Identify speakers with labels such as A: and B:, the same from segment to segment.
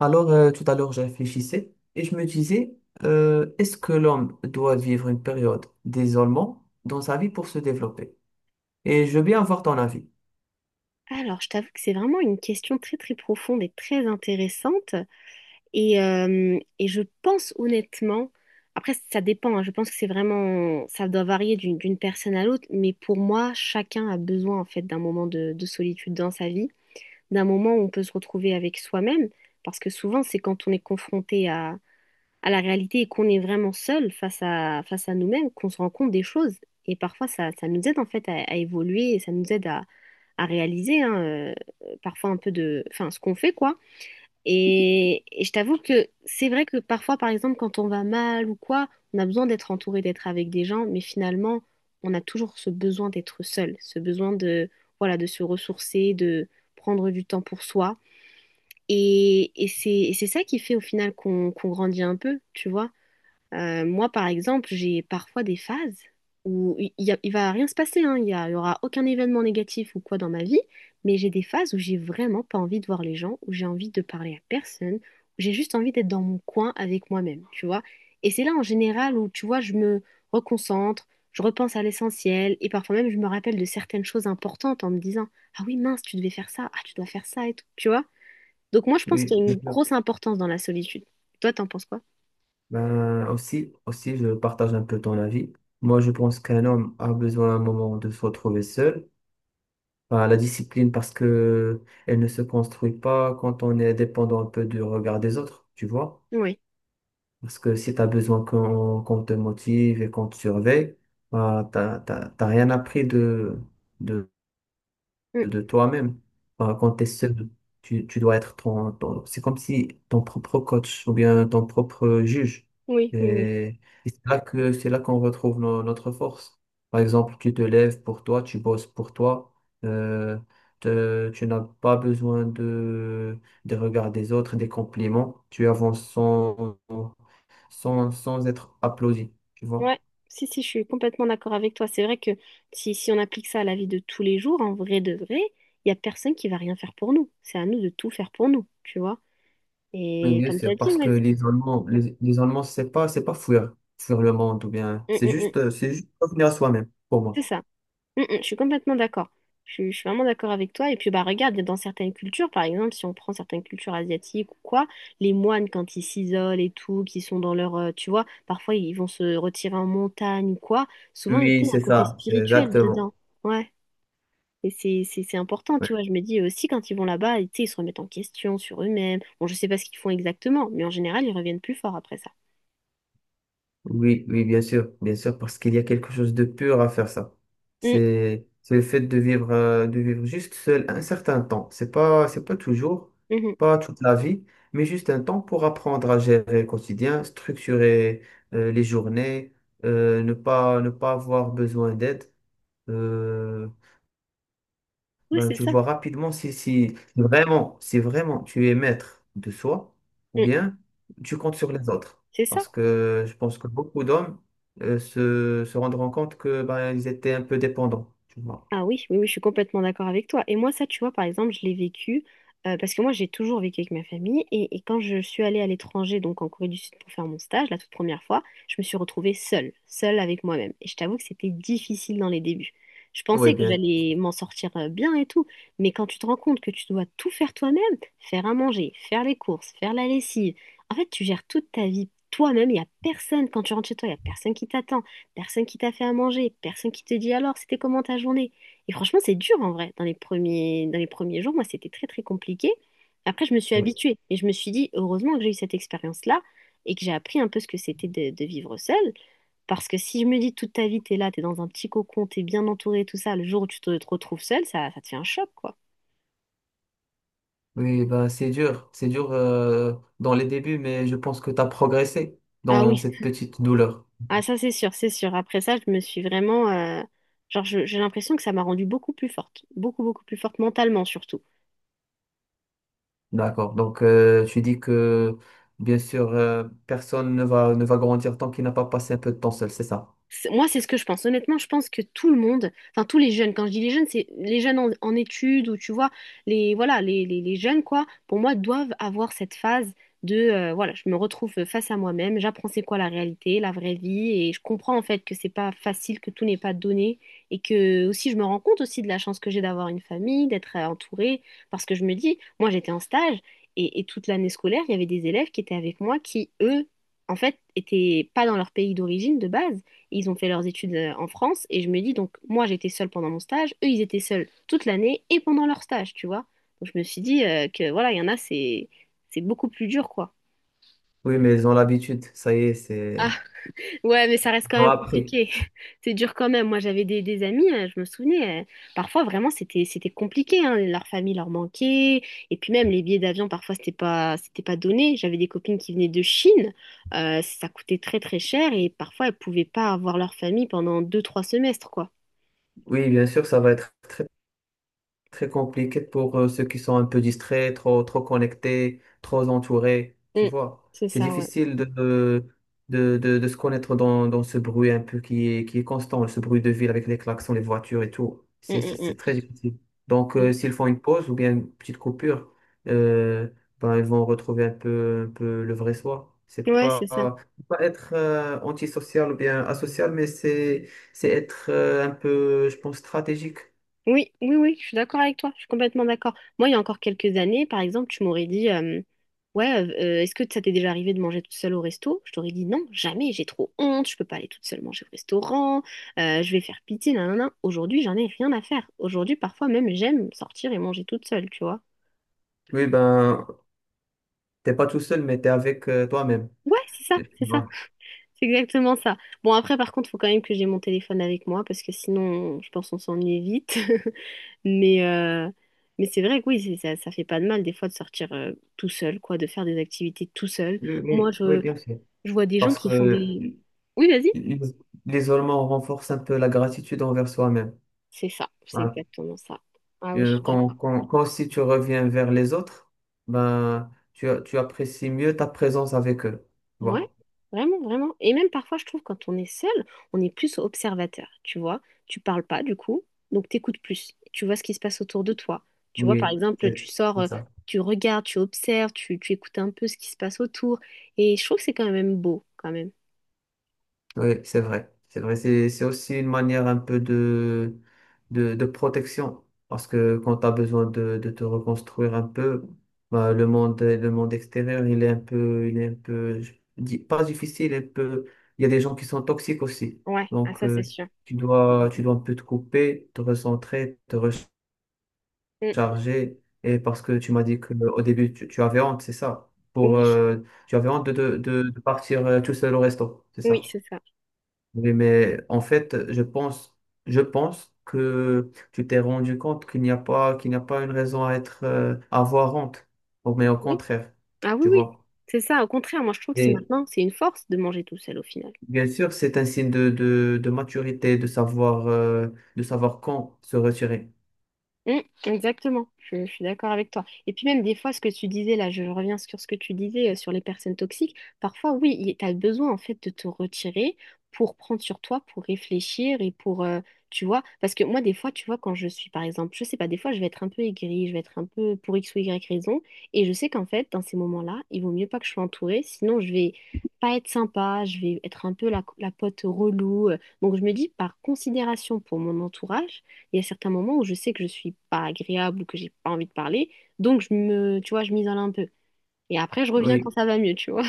A: Alors, tout à l'heure, je réfléchissais et je me disais, est-ce que l'homme doit vivre une période d'isolement dans sa vie pour se développer? Et je veux bien avoir ton avis.
B: Alors, je t'avoue que c'est vraiment une question très très profonde et très intéressante. Et je pense honnêtement, après ça dépend, hein, je pense que c'est vraiment, ça doit varier d'une personne à l'autre, mais pour moi, chacun a besoin en fait d'un moment de solitude dans sa vie, d'un moment où on peut se retrouver avec soi-même, parce que souvent c'est quand on est confronté à la réalité et qu'on est vraiment seul face à nous-mêmes, qu'on se rend compte des choses. Et parfois, ça nous aide en fait à évoluer et ça nous aide à réaliser hein, parfois un peu de, enfin, ce qu'on fait, quoi. Et je t'avoue que c'est vrai que parfois, par exemple, quand on va mal ou quoi, on a besoin d'être entouré, d'être avec des gens, mais finalement, on a toujours ce besoin d'être seul, ce besoin voilà, de se ressourcer, de prendre du temps pour soi. Et c'est ça qui fait au final qu'on grandit un peu, tu vois. Moi, par exemple, j'ai parfois des phases où il va rien se passer, hein, il y aura aucun événement négatif ou quoi dans ma vie, mais j'ai des phases où j'ai vraiment pas envie de voir les gens, où j'ai envie de parler à personne, où j'ai juste envie d'être dans mon coin avec moi-même, tu vois. Et c'est là, en général, où, tu vois, je me reconcentre, je repense à l'essentiel, et parfois même, je me rappelle de certaines choses importantes en me disant, ah oui, mince, tu devais faire ça, ah, tu dois faire ça et tout, tu vois. Donc moi, je pense
A: Oui,
B: qu'il y a
A: bien
B: une
A: sûr.
B: grosse importance dans la solitude. Toi, t'en penses quoi?
A: Ben, aussi, je partage un peu ton avis. Moi, je pense qu'un homme a besoin à un moment de se retrouver seul. Enfin, la discipline parce que elle ne se construit pas quand on est dépendant un peu du regard des autres, tu vois.
B: Oui.
A: Parce que si tu as besoin qu'on te motive et qu'on te surveille, bah, t'as rien appris de, de toi-même. Bah, quand tu es seul, tu dois être C'est comme si ton propre coach ou bien ton propre juge.
B: Oui, oui, oui.
A: Et, et c'est là qu'on retrouve notre force. Par exemple, tu te lèves pour toi, tu bosses pour toi. euh, Tu n'as pas besoin des regards des autres, des compliments. Tu avances sans être applaudi. Tu vois?
B: Ouais, si, si, je suis complètement d'accord avec toi. C'est vrai que si, si on applique ça à la vie de tous les jours, en vrai de vrai, il n'y a personne qui va rien faire pour nous. C'est à nous de tout faire pour nous, tu vois.
A: Oui,
B: Et
A: bien
B: comme tu as
A: sûr,
B: dit,
A: parce que
B: ouais, c'est
A: les Allemands, les Allemands, c'est pas fuir le monde ou bien, c'est
B: Hum.
A: juste, euh, c'est juste revenir à soi-même, pour
B: C'est
A: moi.
B: ça. Je suis complètement d'accord. Je suis vraiment d'accord avec toi. Et puis, bah, regarde, dans certaines cultures, par exemple, si on prend certaines cultures asiatiques ou quoi, les moines, quand ils s'isolent et tout, qui sont dans leur, tu vois, parfois ils vont se retirer en montagne ou quoi, souvent, il
A: Oui,
B: y a
A: c'est
B: un côté
A: ça, c'est
B: spirituel
A: exactement.
B: dedans. Ouais. Et c'est important, tu
A: Ouais.
B: vois. Je me dis aussi, quand ils vont là-bas, tu sais, ils se remettent en question sur eux-mêmes. Bon, je sais pas ce qu'ils font exactement, mais en général, ils reviennent plus forts après ça.
A: Oui, oui, bien sûr, parce qu'il y a quelque chose de pur à faire ça.
B: Mm,
A: C'est le fait de vivre, de vivre juste seul un certain temps. C'est pas toujours,
B: mhm.
A: pas toute la vie, mais juste un temps pour apprendre à gérer le quotidien, structurer, les journées, ne pas avoir besoin d'aide. Euh,
B: Oui,
A: Ben,
B: c'est
A: tu
B: ça.
A: vois rapidement si vraiment tu es maître de soi ou
B: Mm,
A: bien tu comptes sur les autres.
B: c'est ça.
A: Parce que je pense que beaucoup d'hommes se rendront compte que ben, ils étaient un peu dépendants, tu vois.
B: Ah oui, oui, oui, je suis complètement d'accord avec toi. Et moi, ça, tu vois, par exemple, je l'ai vécu parce que moi, j'ai toujours vécu avec ma famille. Et quand je suis allée à l'étranger, donc en Corée du Sud pour faire mon stage, la toute première fois, je me suis retrouvée seule, seule avec moi-même. Et je t'avoue que c'était difficile dans les débuts. Je
A: Oui,
B: pensais que
A: bien.
B: j'allais m'en sortir bien et tout, mais quand tu te rends compte que tu dois tout faire toi-même, faire à manger, faire les courses, faire la lessive, en fait, tu gères toute ta vie toi-même. Il n'y a personne, quand tu rentres chez toi, il n'y a personne qui t'attend, personne qui t'a fait à manger, personne qui te dit alors, c'était comment ta journée? Et franchement, c'est dur en vrai. Dans les premiers jours, moi, c'était très, très compliqué. Après, je me suis
A: Oui,
B: habituée et je me suis dit, heureusement que j'ai eu cette expérience-là et que j'ai appris un peu ce que c'était de vivre seule. Parce que si je me dis toute ta vie, t'es là, t'es dans un petit cocon, t'es bien entourée, tout ça, le jour où te retrouves seule, ça te fait un choc, quoi.
A: oui, ben, c'est dur. C'est dur dans les débuts, mais je pense que tu as progressé
B: Ah
A: dans
B: oui,
A: cette petite douleur.
B: ah ça c'est sûr, c'est sûr. Après ça, je me suis vraiment, genre, j'ai l'impression que ça m'a rendue beaucoup plus forte, beaucoup, beaucoup plus forte mentalement surtout.
A: D'accord. Donc, tu dis que, bien sûr, personne ne va grandir tant qu'il n'a pas passé un peu de temps seul, c'est ça?
B: C'est- Moi, c'est ce que je pense. Honnêtement, je pense que tout le monde, enfin tous les jeunes, quand je dis les jeunes, c'est les jeunes en études ou tu vois, les voilà, les jeunes quoi, pour moi, doivent avoir cette phase de voilà, je me retrouve face à moi-même, j'apprends c'est quoi la réalité, la vraie vie, et je comprends en fait que c'est pas facile, que tout n'est pas donné, et que aussi je me rends compte aussi de la chance que j'ai d'avoir une famille, d'être entourée, parce que je me dis, moi j'étais en stage et toute l'année scolaire, il y avait des élèves qui étaient avec moi qui, eux, en fait, étaient pas dans leur pays d'origine de base. Ils ont fait leurs études en France et je me dis donc moi j'étais seule pendant mon stage, eux ils étaient seuls toute l'année et pendant leur stage, tu vois. Donc je me suis dit que voilà, il y en a c'est beaucoup plus dur quoi.
A: Oui, mais ils ont l'habitude, ça y est,
B: Ah
A: c'est...
B: ouais, mais ça reste
A: Ils
B: quand
A: l'ont
B: même
A: appris.
B: compliqué. C'est dur quand même. Moi j'avais des amis, je me souvenais, parfois vraiment c'était compliqué hein. Leur famille leur manquait et puis même les billets d'avion parfois c'était pas donné. J'avais des copines qui venaient de Chine. Ça coûtait très très cher et parfois elles pouvaient pas avoir leur famille pendant deux trois semestres quoi.
A: Oui, bien sûr, ça va être très très compliqué pour ceux qui sont un peu distraits, trop, trop connectés, trop entourés, tu
B: Mm.
A: vois.
B: C'est
A: C'est
B: ça, ouais.
A: difficile de se connaître dans ce bruit un peu qui est constant, ce bruit de ville avec les klaxons, les voitures et tout. C'est,
B: Mm,
A: c'est,
B: mm,
A: c'est très difficile. Donc,
B: mm.
A: s'ils font une pause ou bien une petite coupure, euh, ben, ils vont retrouver un peu le vrai soi. C'est
B: Ouais, c'est
A: pas,
B: ça.
A: c'est pas être antisocial ou bien asocial, mais c'est être un peu, je pense, stratégique.
B: Oui, oui, oui, je suis d'accord avec toi. Je suis complètement d'accord. Moi, il y a encore quelques années, par exemple, tu m'aurais dit, ouais, est-ce que ça t'est déjà arrivé de manger toute seule au resto? Je t'aurais dit non, jamais, j'ai trop honte, je peux pas aller toute seule manger au restaurant, je vais faire pitié, nanana. Aujourd'hui, j'en ai rien à faire. Aujourd'hui, parfois même, j'aime sortir et manger toute seule, tu vois.
A: Oui, ben, t'es pas tout seul, mais t'es avec toi-même.
B: Ouais, c'est ça,
A: Tu
B: c'est ça.
A: vois.
B: C'est exactement ça. Bon, après, par contre, il faut quand même que j'ai mon téléphone avec moi parce que sinon, je pense qu'on s'ennuie vite. Mais, euh, mais c'est vrai que oui, c'est- ça fait pas de mal des fois de sortir tout seul, quoi, de faire des activités tout seul.
A: Oui, oui,
B: Moi,
A: oui,
B: je,
A: bien sûr.
B: je vois des gens
A: Parce que
B: qui font des...
A: l-
B: Oui, vas-y.
A: l'isolement renforce un peu la gratitude envers soi-même.
B: C'est ça, c'est
A: Voilà.
B: exactement ça. Ah oui, je suis
A: Quand,
B: d'accord.
A: quand, quand aussi tu reviens vers les autres, ben, tu apprécies mieux ta présence avec eux. Tu
B: Ouais,
A: vois.
B: vraiment, vraiment. Et même parfois, je trouve, quand on est seul, on est plus observateur, tu vois. Tu parles pas, du coup, donc t'écoutes plus. Tu vois ce qui se passe autour de toi. Tu vois, par
A: Oui,
B: exemple, tu
A: c'est
B: sors,
A: c'est ça.
B: tu regardes, tu observes, tu écoutes un peu ce qui se passe autour. Et je trouve que c'est quand même beau, quand même.
A: Oui, c'est vrai. C'est vrai. C'est aussi une manière un peu de protection. Parce que quand tu as besoin de te reconstruire un peu, bah, le monde extérieur, il est un peu, je dis pas difficile, un peu, il y a des gens qui sont toxiques aussi.
B: Ouais, ah,
A: Donc,
B: ça, c'est sûr.
A: tu
B: Mm,
A: dois, tu dois un peu te couper, te recentrer, te
B: mm, mm.
A: recharger. Et parce que tu m'as dit qu'au début, tu avais honte, c'est ça?
B: Oui,
A: Tu avais honte de partir tout seul au resto, c'est
B: oui,
A: ça?
B: c'est ça.
A: Oui, mais en fait, je pense que tu t'es rendu compte qu'il n'y a pas une raison à être, à avoir honte, mais au
B: Oui.
A: contraire,
B: Ah
A: tu
B: oui, oui.
A: vois.
B: C'est ça, au contraire, moi, je trouve que c'est
A: Et
B: maintenant, c'est une force de manger tout seul, au final.
A: bien sûr, c'est un signe de maturité, de savoir quand se retirer.
B: Mm, exactement, je suis d'accord avec toi. Et puis même des fois, ce que tu disais là, je reviens sur ce que tu disais sur les personnes toxiques, parfois oui, tu as besoin en fait de te retirer pour prendre sur toi, pour réfléchir et pour, tu vois, parce que moi des fois, tu vois, quand je suis par exemple, je sais pas, des fois je vais être un peu aigrie, je vais être un peu pour X ou Y raison, et je sais qu'en fait, dans ces moments-là, il vaut mieux pas que je sois entourée, sinon je vais pas être sympa, je vais être un peu la pote relou. Donc je me dis, par considération pour mon entourage, il y a certains moments où je sais que je suis pas agréable ou que j'ai pas envie de parler, donc tu vois, je m'isole un peu. Et après, je reviens quand
A: Oui,
B: ça va mieux, tu vois.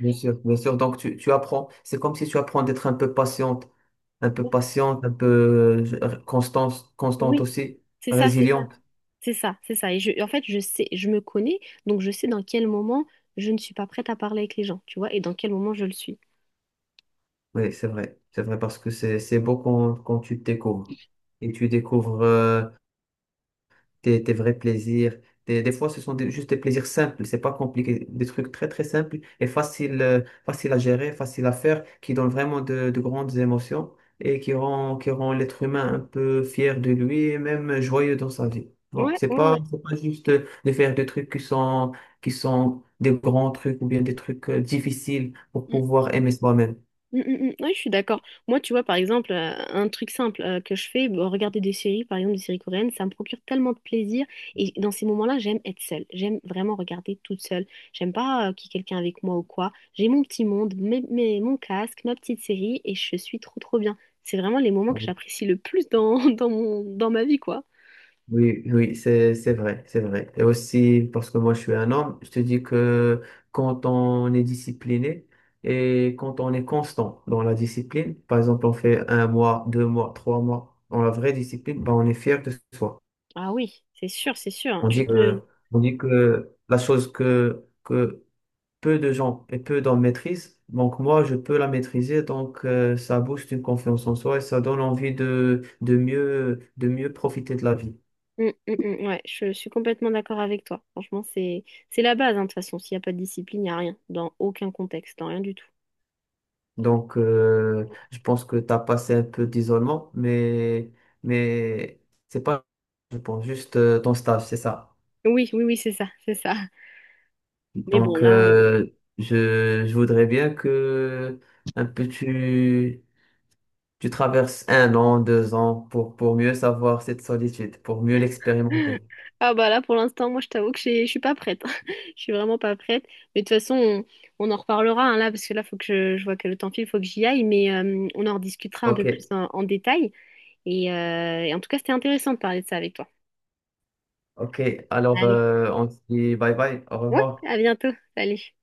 A: bien sûr, bien sûr. Donc, tu apprends. C'est comme si tu apprends d'être un peu patiente, un peu constante
B: Oui,
A: aussi,
B: c'est ça, c'est ça,
A: résiliente.
B: c'est ça, c'est ça. En fait, je sais, je me connais, donc je sais dans quel moment je ne suis pas prête à parler avec les gens, tu vois, et dans quel moment je le suis.
A: Oui, c'est vrai. C'est vrai parce que c'est beau quand tu te découvres et tu découvres tes vrais plaisirs. Des fois, ce sont juste des plaisirs simples, c'est pas compliqué, des trucs très très simples et faciles faciles à gérer, faciles à faire, qui donnent vraiment de grandes émotions et qui rend l'être humain un peu fier de lui et même joyeux dans sa vie. Bon,
B: Ouais,
A: c'est
B: ouais,
A: pas,
B: ouais.
A: c'est pas juste de faire des trucs qui sont des grands trucs ou bien des trucs difficiles pour pouvoir aimer soi-même.
B: Mm, mm, mm. Ouais, je suis d'accord. Moi, tu vois, par exemple, un truc simple que je fais, bon, regarder des séries, par exemple des séries coréennes, ça me procure tellement de plaisir. Et dans ces moments-là, j'aime être seule. J'aime vraiment regarder toute seule. J'aime pas qu'il y ait quelqu'un avec moi ou quoi. J'ai mon petit monde, mon casque, ma petite série, et je suis trop, trop bien. C'est vraiment les moments que j'apprécie le plus dans, dans ma vie, quoi.
A: Oui, oui, c'est vrai, c'est vrai. Et aussi, parce que moi, je suis un homme, je te dis que quand on est discipliné et quand on est constant dans la discipline, par exemple, on fait 1 mois, 2 mois, 3 mois dans la vraie discipline, ben, on est fier de soi.
B: Ah oui, c'est sûr, c'est sûr.
A: On dit que, on dit que la chose que peu de gens et peu d'hommes maîtrisent, donc moi, je peux la maîtriser, donc ça booste une confiance en soi et ça donne envie de mieux profiter de la vie.
B: Mm, mm, mm, ouais, je suis complètement d'accord avec toi. Franchement, c'est la base, hein, de toute façon. S'il n'y a pas de discipline, il n'y a rien, dans aucun contexte, dans rien du tout.
A: Donc, je pense que tu as passé un peu d'isolement, mais c'est pas, je pense, juste ton stage, c'est ça.
B: Oui, oui, oui, c'est ça, c'est ça. Mais bon,
A: Donc,
B: là, euh,
A: je voudrais bien que un peu tu traverses 1 an, 2 ans pour mieux savoir cette solitude, pour mieux l'expérimenter.
B: ah bah là, pour l'instant, moi, je t'avoue que j'ai- je suis pas prête. Je suis vraiment pas prête. Mais de toute façon, on en reparlera hein, là, parce que là, faut que je vois que le temps file, faut que j'y aille, mais on en rediscutera un peu
A: Ok,
B: plus en détail. Et en tout cas, c'était intéressant de parler de ça avec toi.
A: ok. Alors,
B: Allez,
A: on se dit bye bye, au
B: ouais,
A: revoir.
B: à bientôt. Salut.